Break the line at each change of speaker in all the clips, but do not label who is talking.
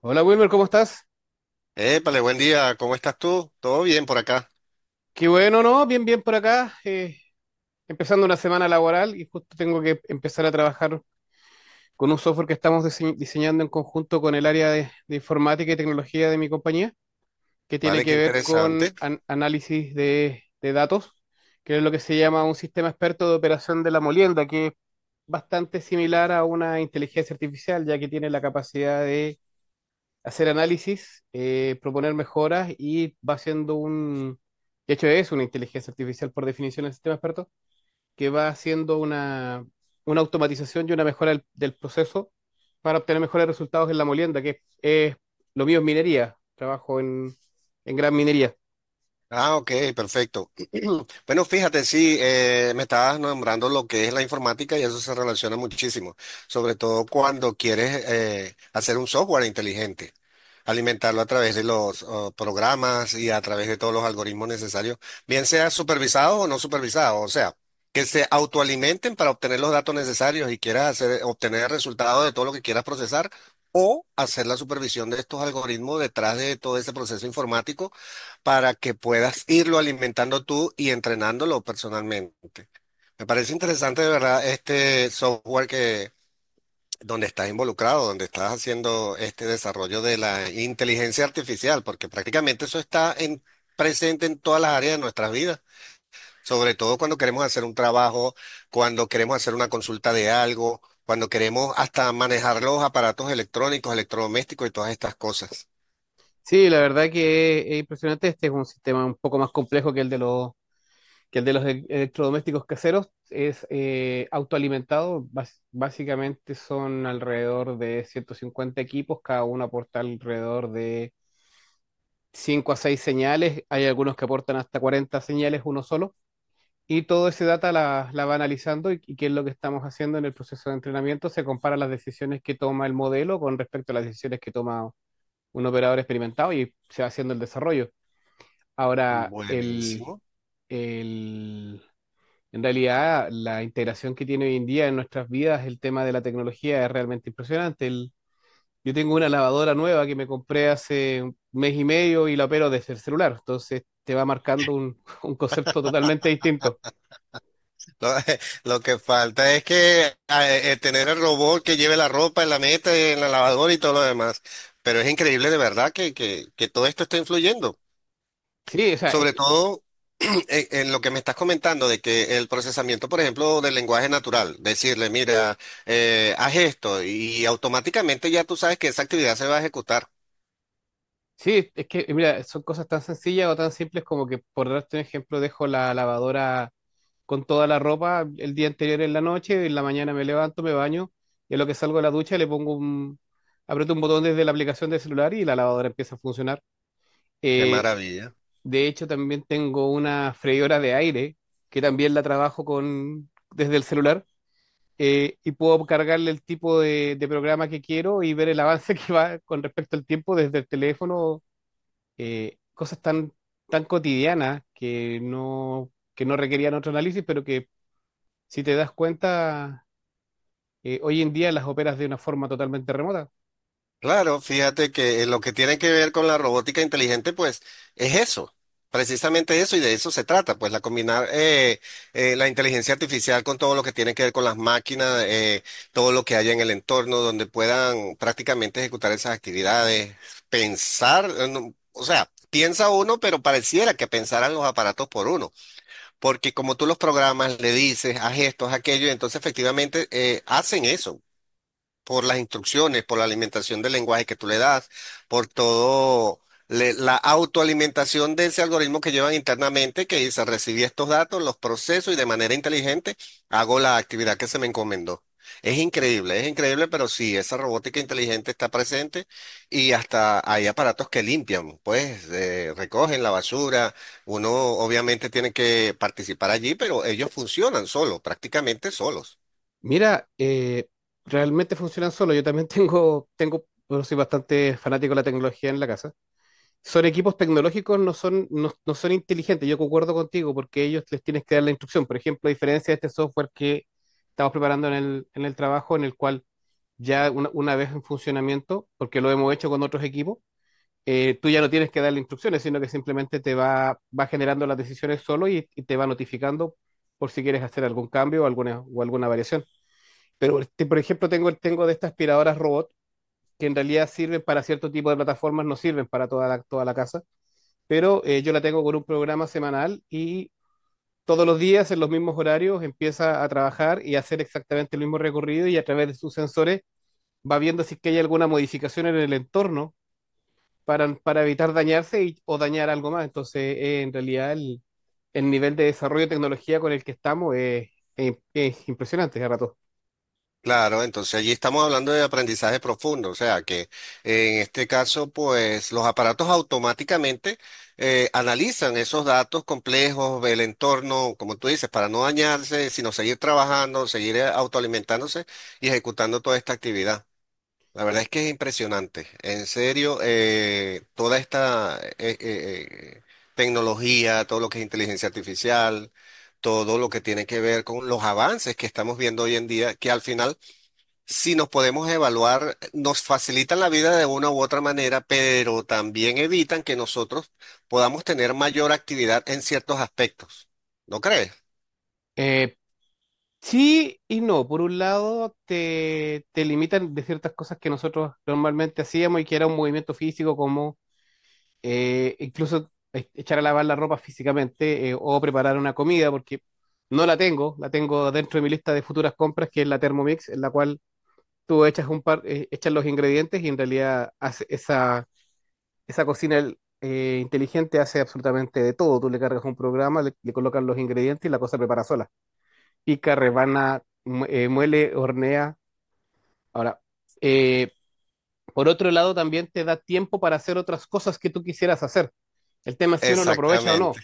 Hola Wilmer, ¿cómo estás?
Épale, buen día, ¿cómo estás tú? ¿Todo bien por acá?
Qué bueno, ¿no? Bien, bien por acá. Empezando una semana laboral y justo tengo que empezar a trabajar con un software que estamos diseñando en conjunto con el área de informática y tecnología de mi compañía, que tiene
Vale,
que
qué
ver con
interesante.
análisis de datos, que es lo que se llama un sistema experto de operación de la molienda, que es bastante similar a una inteligencia artificial, ya que tiene la capacidad de hacer análisis, proponer mejoras y va de hecho es una inteligencia artificial por definición del sistema experto, que va una automatización y una mejora del proceso para obtener mejores resultados en la molienda, lo mío es minería, en gran minería.
Ah, ok, perfecto. Bueno, fíjate, sí, me estabas nombrando lo que es la informática y eso se relaciona muchísimo, sobre todo cuando quieres hacer un software inteligente, alimentarlo a través de los programas y a través de todos los algoritmos necesarios, bien sea supervisado o no supervisado, o sea, que se autoalimenten para obtener los datos necesarios y quieras hacer, obtener el resultado de todo lo que quieras procesar. O hacer la supervisión de estos algoritmos detrás de todo ese proceso informático para que puedas irlo alimentando tú y entrenándolo personalmente. Me parece interesante de verdad este software que donde estás involucrado, donde estás haciendo este desarrollo de la inteligencia artificial, porque prácticamente eso está en, presente en todas las áreas de nuestras vidas, sobre todo cuando queremos hacer un trabajo, cuando queremos hacer una consulta de algo, cuando queremos hasta manejar los aparatos electrónicos, electrodomésticos y todas estas cosas.
Sí, la verdad que es impresionante, este es un sistema un poco más complejo que el de los que el de los electrodomésticos caseros es autoalimentado. Básicamente son alrededor de 150 equipos, cada uno aporta alrededor de 5 a 6 señales. Hay algunos que aportan hasta 40 señales, uno solo. Y todo ese data la va analizando y qué es lo que estamos haciendo en el proceso de entrenamiento. Se compara las decisiones que toma el modelo con respecto a las decisiones que toma un operador experimentado y se va haciendo el desarrollo. Ahora,
Buenísimo.
el, en realidad, la integración que tiene hoy en día en nuestras vidas el tema de la tecnología es realmente impresionante. Yo tengo una lavadora nueva que me compré hace un mes y medio y la opero desde el celular, entonces te va marcando un concepto totalmente distinto.
Lo, lo que falta es que tener el robot que lleve la ropa en la meta, en la lavadora y todo lo demás. Pero es increíble de verdad que todo esto está influyendo.
Sí, o sea, es,
Sobre todo en lo que me estás comentando de que el procesamiento, por ejemplo, del lenguaje natural, decirle, mira, haz esto y automáticamente ya tú sabes que esa actividad se va a ejecutar.
sí, es que, mira, son cosas tan sencillas o tan simples como que, por darte un ejemplo, dejo la lavadora con toda la ropa el día anterior en la noche, en la mañana me levanto, me baño, y a lo que salgo de la ducha aprieto un botón desde la aplicación del celular y la lavadora empieza a funcionar.
Qué
Eh,
maravilla.
de hecho, también tengo una freidora de aire que también la trabajo desde el celular, y puedo cargarle el tipo de programa que quiero y ver el avance que va con respecto al tiempo desde el teléfono. Cosas tan, tan cotidianas que no requerían otro análisis, pero que si te das cuenta, hoy en día las operas de una forma totalmente remota.
Claro, fíjate que lo que tiene que ver con la robótica inteligente, pues es eso, precisamente eso, y de eso se trata, pues la combinar la inteligencia artificial con todo lo que tiene que ver con las máquinas, todo lo que haya en el entorno, donde puedan prácticamente ejecutar esas actividades, pensar, no, o sea, piensa uno, pero pareciera que pensaran los aparatos por uno, porque como tú los programas, le dices, haz esto, haz aquello, y entonces efectivamente hacen eso por las instrucciones, por la alimentación del lenguaje que tú le das, por todo la autoalimentación de ese algoritmo que llevan internamente, que dice, recibí estos datos, los proceso y de manera inteligente hago la actividad que se me encomendó. Es increíble, pero sí, esa robótica inteligente está presente y hasta hay aparatos que limpian, pues recogen la basura, uno obviamente tiene que participar allí, pero ellos funcionan solos, prácticamente solos.
Mira, realmente funcionan solo. Yo también bueno, soy bastante fanático de la tecnología en la casa. Son equipos tecnológicos, no son inteligentes. Yo concuerdo contigo porque ellos les tienes que dar la instrucción. Por ejemplo, a diferencia de este software que estamos preparando en el trabajo, en el cual ya una vez en funcionamiento, porque lo hemos hecho con otros equipos, tú ya no tienes que darle instrucciones, sino que simplemente va generando las decisiones solo y te va notificando por si quieres hacer algún cambio o o alguna variación. Pero, este, por ejemplo, tengo de estas aspiradoras robot que en realidad sirven para cierto tipo de plataformas, no sirven para toda toda la casa, pero yo la tengo con un programa semanal y todos los días en los mismos horarios empieza a trabajar y a hacer exactamente el mismo recorrido y a través de sus sensores va viendo si es que hay alguna modificación en el entorno para evitar dañarse o dañar algo más. Entonces, el nivel de desarrollo de tecnología con el que estamos es impresionante, a rato.
Claro, entonces allí estamos hablando de aprendizaje profundo, o sea que en este caso, pues los aparatos automáticamente analizan esos datos complejos, el entorno, como tú dices, para no dañarse, sino seguir trabajando, seguir autoalimentándose y ejecutando toda esta actividad. La verdad es que es impresionante, en serio, toda esta tecnología, todo lo que es inteligencia artificial, todo lo que tiene que ver con los avances que estamos viendo hoy en día, que al final si nos podemos evaluar, nos facilitan la vida de una u otra manera, pero también evitan que nosotros podamos tener mayor actividad en ciertos aspectos. ¿No crees?
Eh, sí y no. Por un lado, te limitan de ciertas cosas que nosotros normalmente hacíamos y que era un movimiento físico, como incluso echar a lavar la ropa físicamente, o preparar una comida, porque no la tengo, la tengo dentro de mi lista de futuras compras, que es la Thermomix, en la cual tú echas echas los ingredientes y en realidad esa cocina inteligente hace absolutamente de todo. Tú le cargas un programa, le colocas los ingredientes y la cosa prepara sola. Pica, rebana, muele, hornea. Ahora, eh, por otro lado, también te da tiempo para hacer otras cosas que tú quisieras hacer. El tema es si uno lo aprovecha o
Exactamente.
no.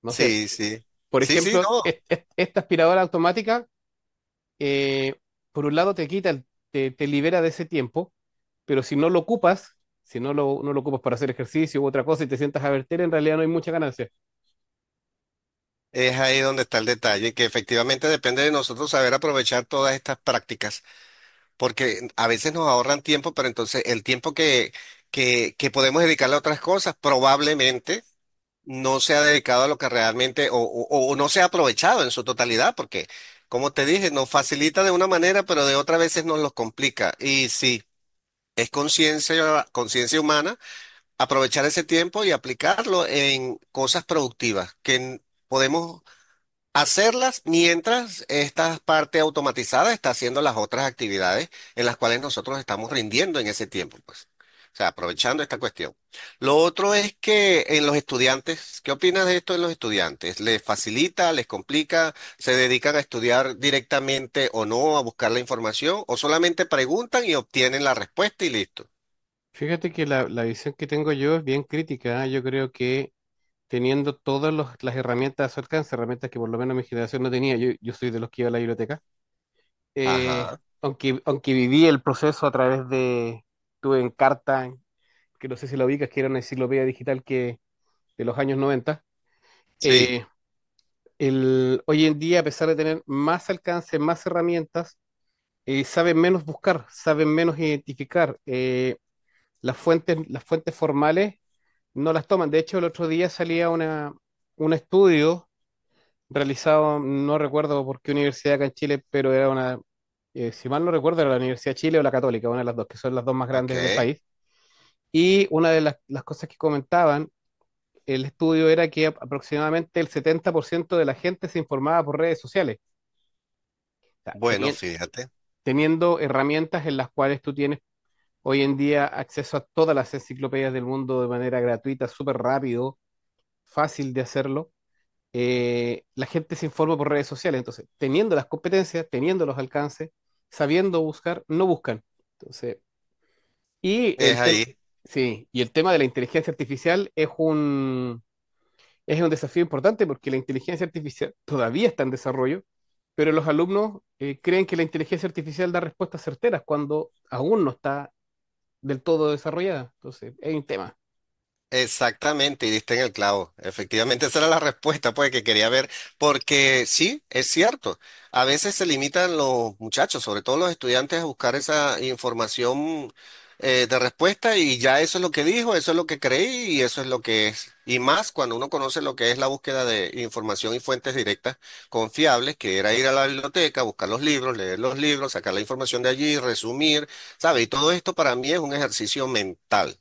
No sé,
Sí, sí.
por
Sí, sí,
ejemplo,
no.
esta aspiradora automática, eh, por un lado te quita, el- te libera de ese tiempo, pero si no lo ocupas, no lo ocupas para hacer ejercicio u otra cosa y te sientas a verter, en realidad no hay mucha ganancia.
Es ahí donde está el detalle, que efectivamente depende de nosotros saber aprovechar todas estas prácticas, porque a veces nos ahorran tiempo, pero entonces el tiempo que podemos dedicarle a otras cosas, probablemente no se ha dedicado a lo que realmente, o no se ha aprovechado en su totalidad, porque, como te dije, nos facilita de una manera, pero de otras veces nos los complica. Y sí, es conciencia, conciencia humana aprovechar ese tiempo y aplicarlo en cosas productivas que podemos hacerlas mientras esta parte automatizada está haciendo las otras actividades en las cuales nosotros estamos rindiendo en ese tiempo, pues. O sea, aprovechando esta cuestión. Lo otro es que en los estudiantes, ¿qué opinas de esto en los estudiantes? ¿Les facilita, les complica, se dedican a estudiar directamente o no, a buscar la información, o solamente preguntan y obtienen la respuesta y listo?
Fíjate que la visión que tengo yo es bien crítica. ¿Eh? Yo creo que teniendo todas las herramientas a su alcance, herramientas que por lo menos mi generación no tenía, yo soy de los que iba a la biblioteca, eh,
Ajá,
aunque viví el proceso a través de, tuve Encarta, que no sé si la ubicas, que era una enciclopedia digital que, de los años 90,
sí,
hoy en día, a pesar de tener más alcance, más herramientas, saben menos buscar, saben menos identificar. Las fuentes, las fuentes formales no las toman. De hecho, el otro día un estudio realizado, no recuerdo por qué universidad acá en Chile, pero si mal no recuerdo, era la Universidad de Chile o la Católica, una de las dos, que son las dos más
ok.
grandes del país. Y una de las cosas que comentaban el estudio era que aproximadamente el 70% de la gente se informaba por redes sociales. sea,
Bueno,
tenien-
fíjate,
Teniendo herramientas en las cuales tú tienes hoy en día acceso a todas las enciclopedias del mundo de manera gratuita, súper rápido, fácil de hacerlo, la gente se informa por redes sociales. Entonces, teniendo las competencias, teniendo los alcances, sabiendo buscar, no buscan. Entonces, y
es
el tema,
ahí.
sí, y el tema de la inteligencia artificial es un desafío importante porque la inteligencia artificial todavía está en desarrollo, pero los alumnos creen que la inteligencia artificial da respuestas certeras cuando aún no está del todo desarrollada. Entonces, es un tema.
Exactamente, y diste en el clavo. Efectivamente, esa era la respuesta pues, que quería ver, porque sí, es cierto. A veces se limitan los muchachos, sobre todo los estudiantes, a buscar esa información de respuesta y ya eso es lo que dijo, eso es lo que creí y eso es lo que es. Y más cuando uno conoce lo que es la búsqueda de información y fuentes directas confiables, que era ir a la biblioteca, buscar los libros, leer los libros, sacar la información de allí, resumir, ¿sabe? Y todo esto para mí es un ejercicio mental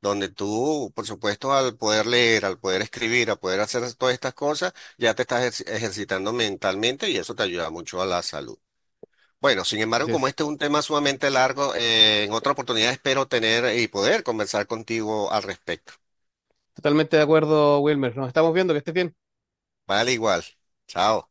donde tú, por supuesto, al poder leer, al poder escribir, al poder hacer todas estas cosas, ya te estás ejercitando mentalmente y eso te ayuda mucho a la salud. Bueno, sin embargo,
Así
como
es.
este es un tema sumamente largo, en otra oportunidad espero tener y poder conversar contigo al respecto.
Totalmente de acuerdo, Wilmer. Nos estamos viendo, que estés bien.
Vale, igual. Chao.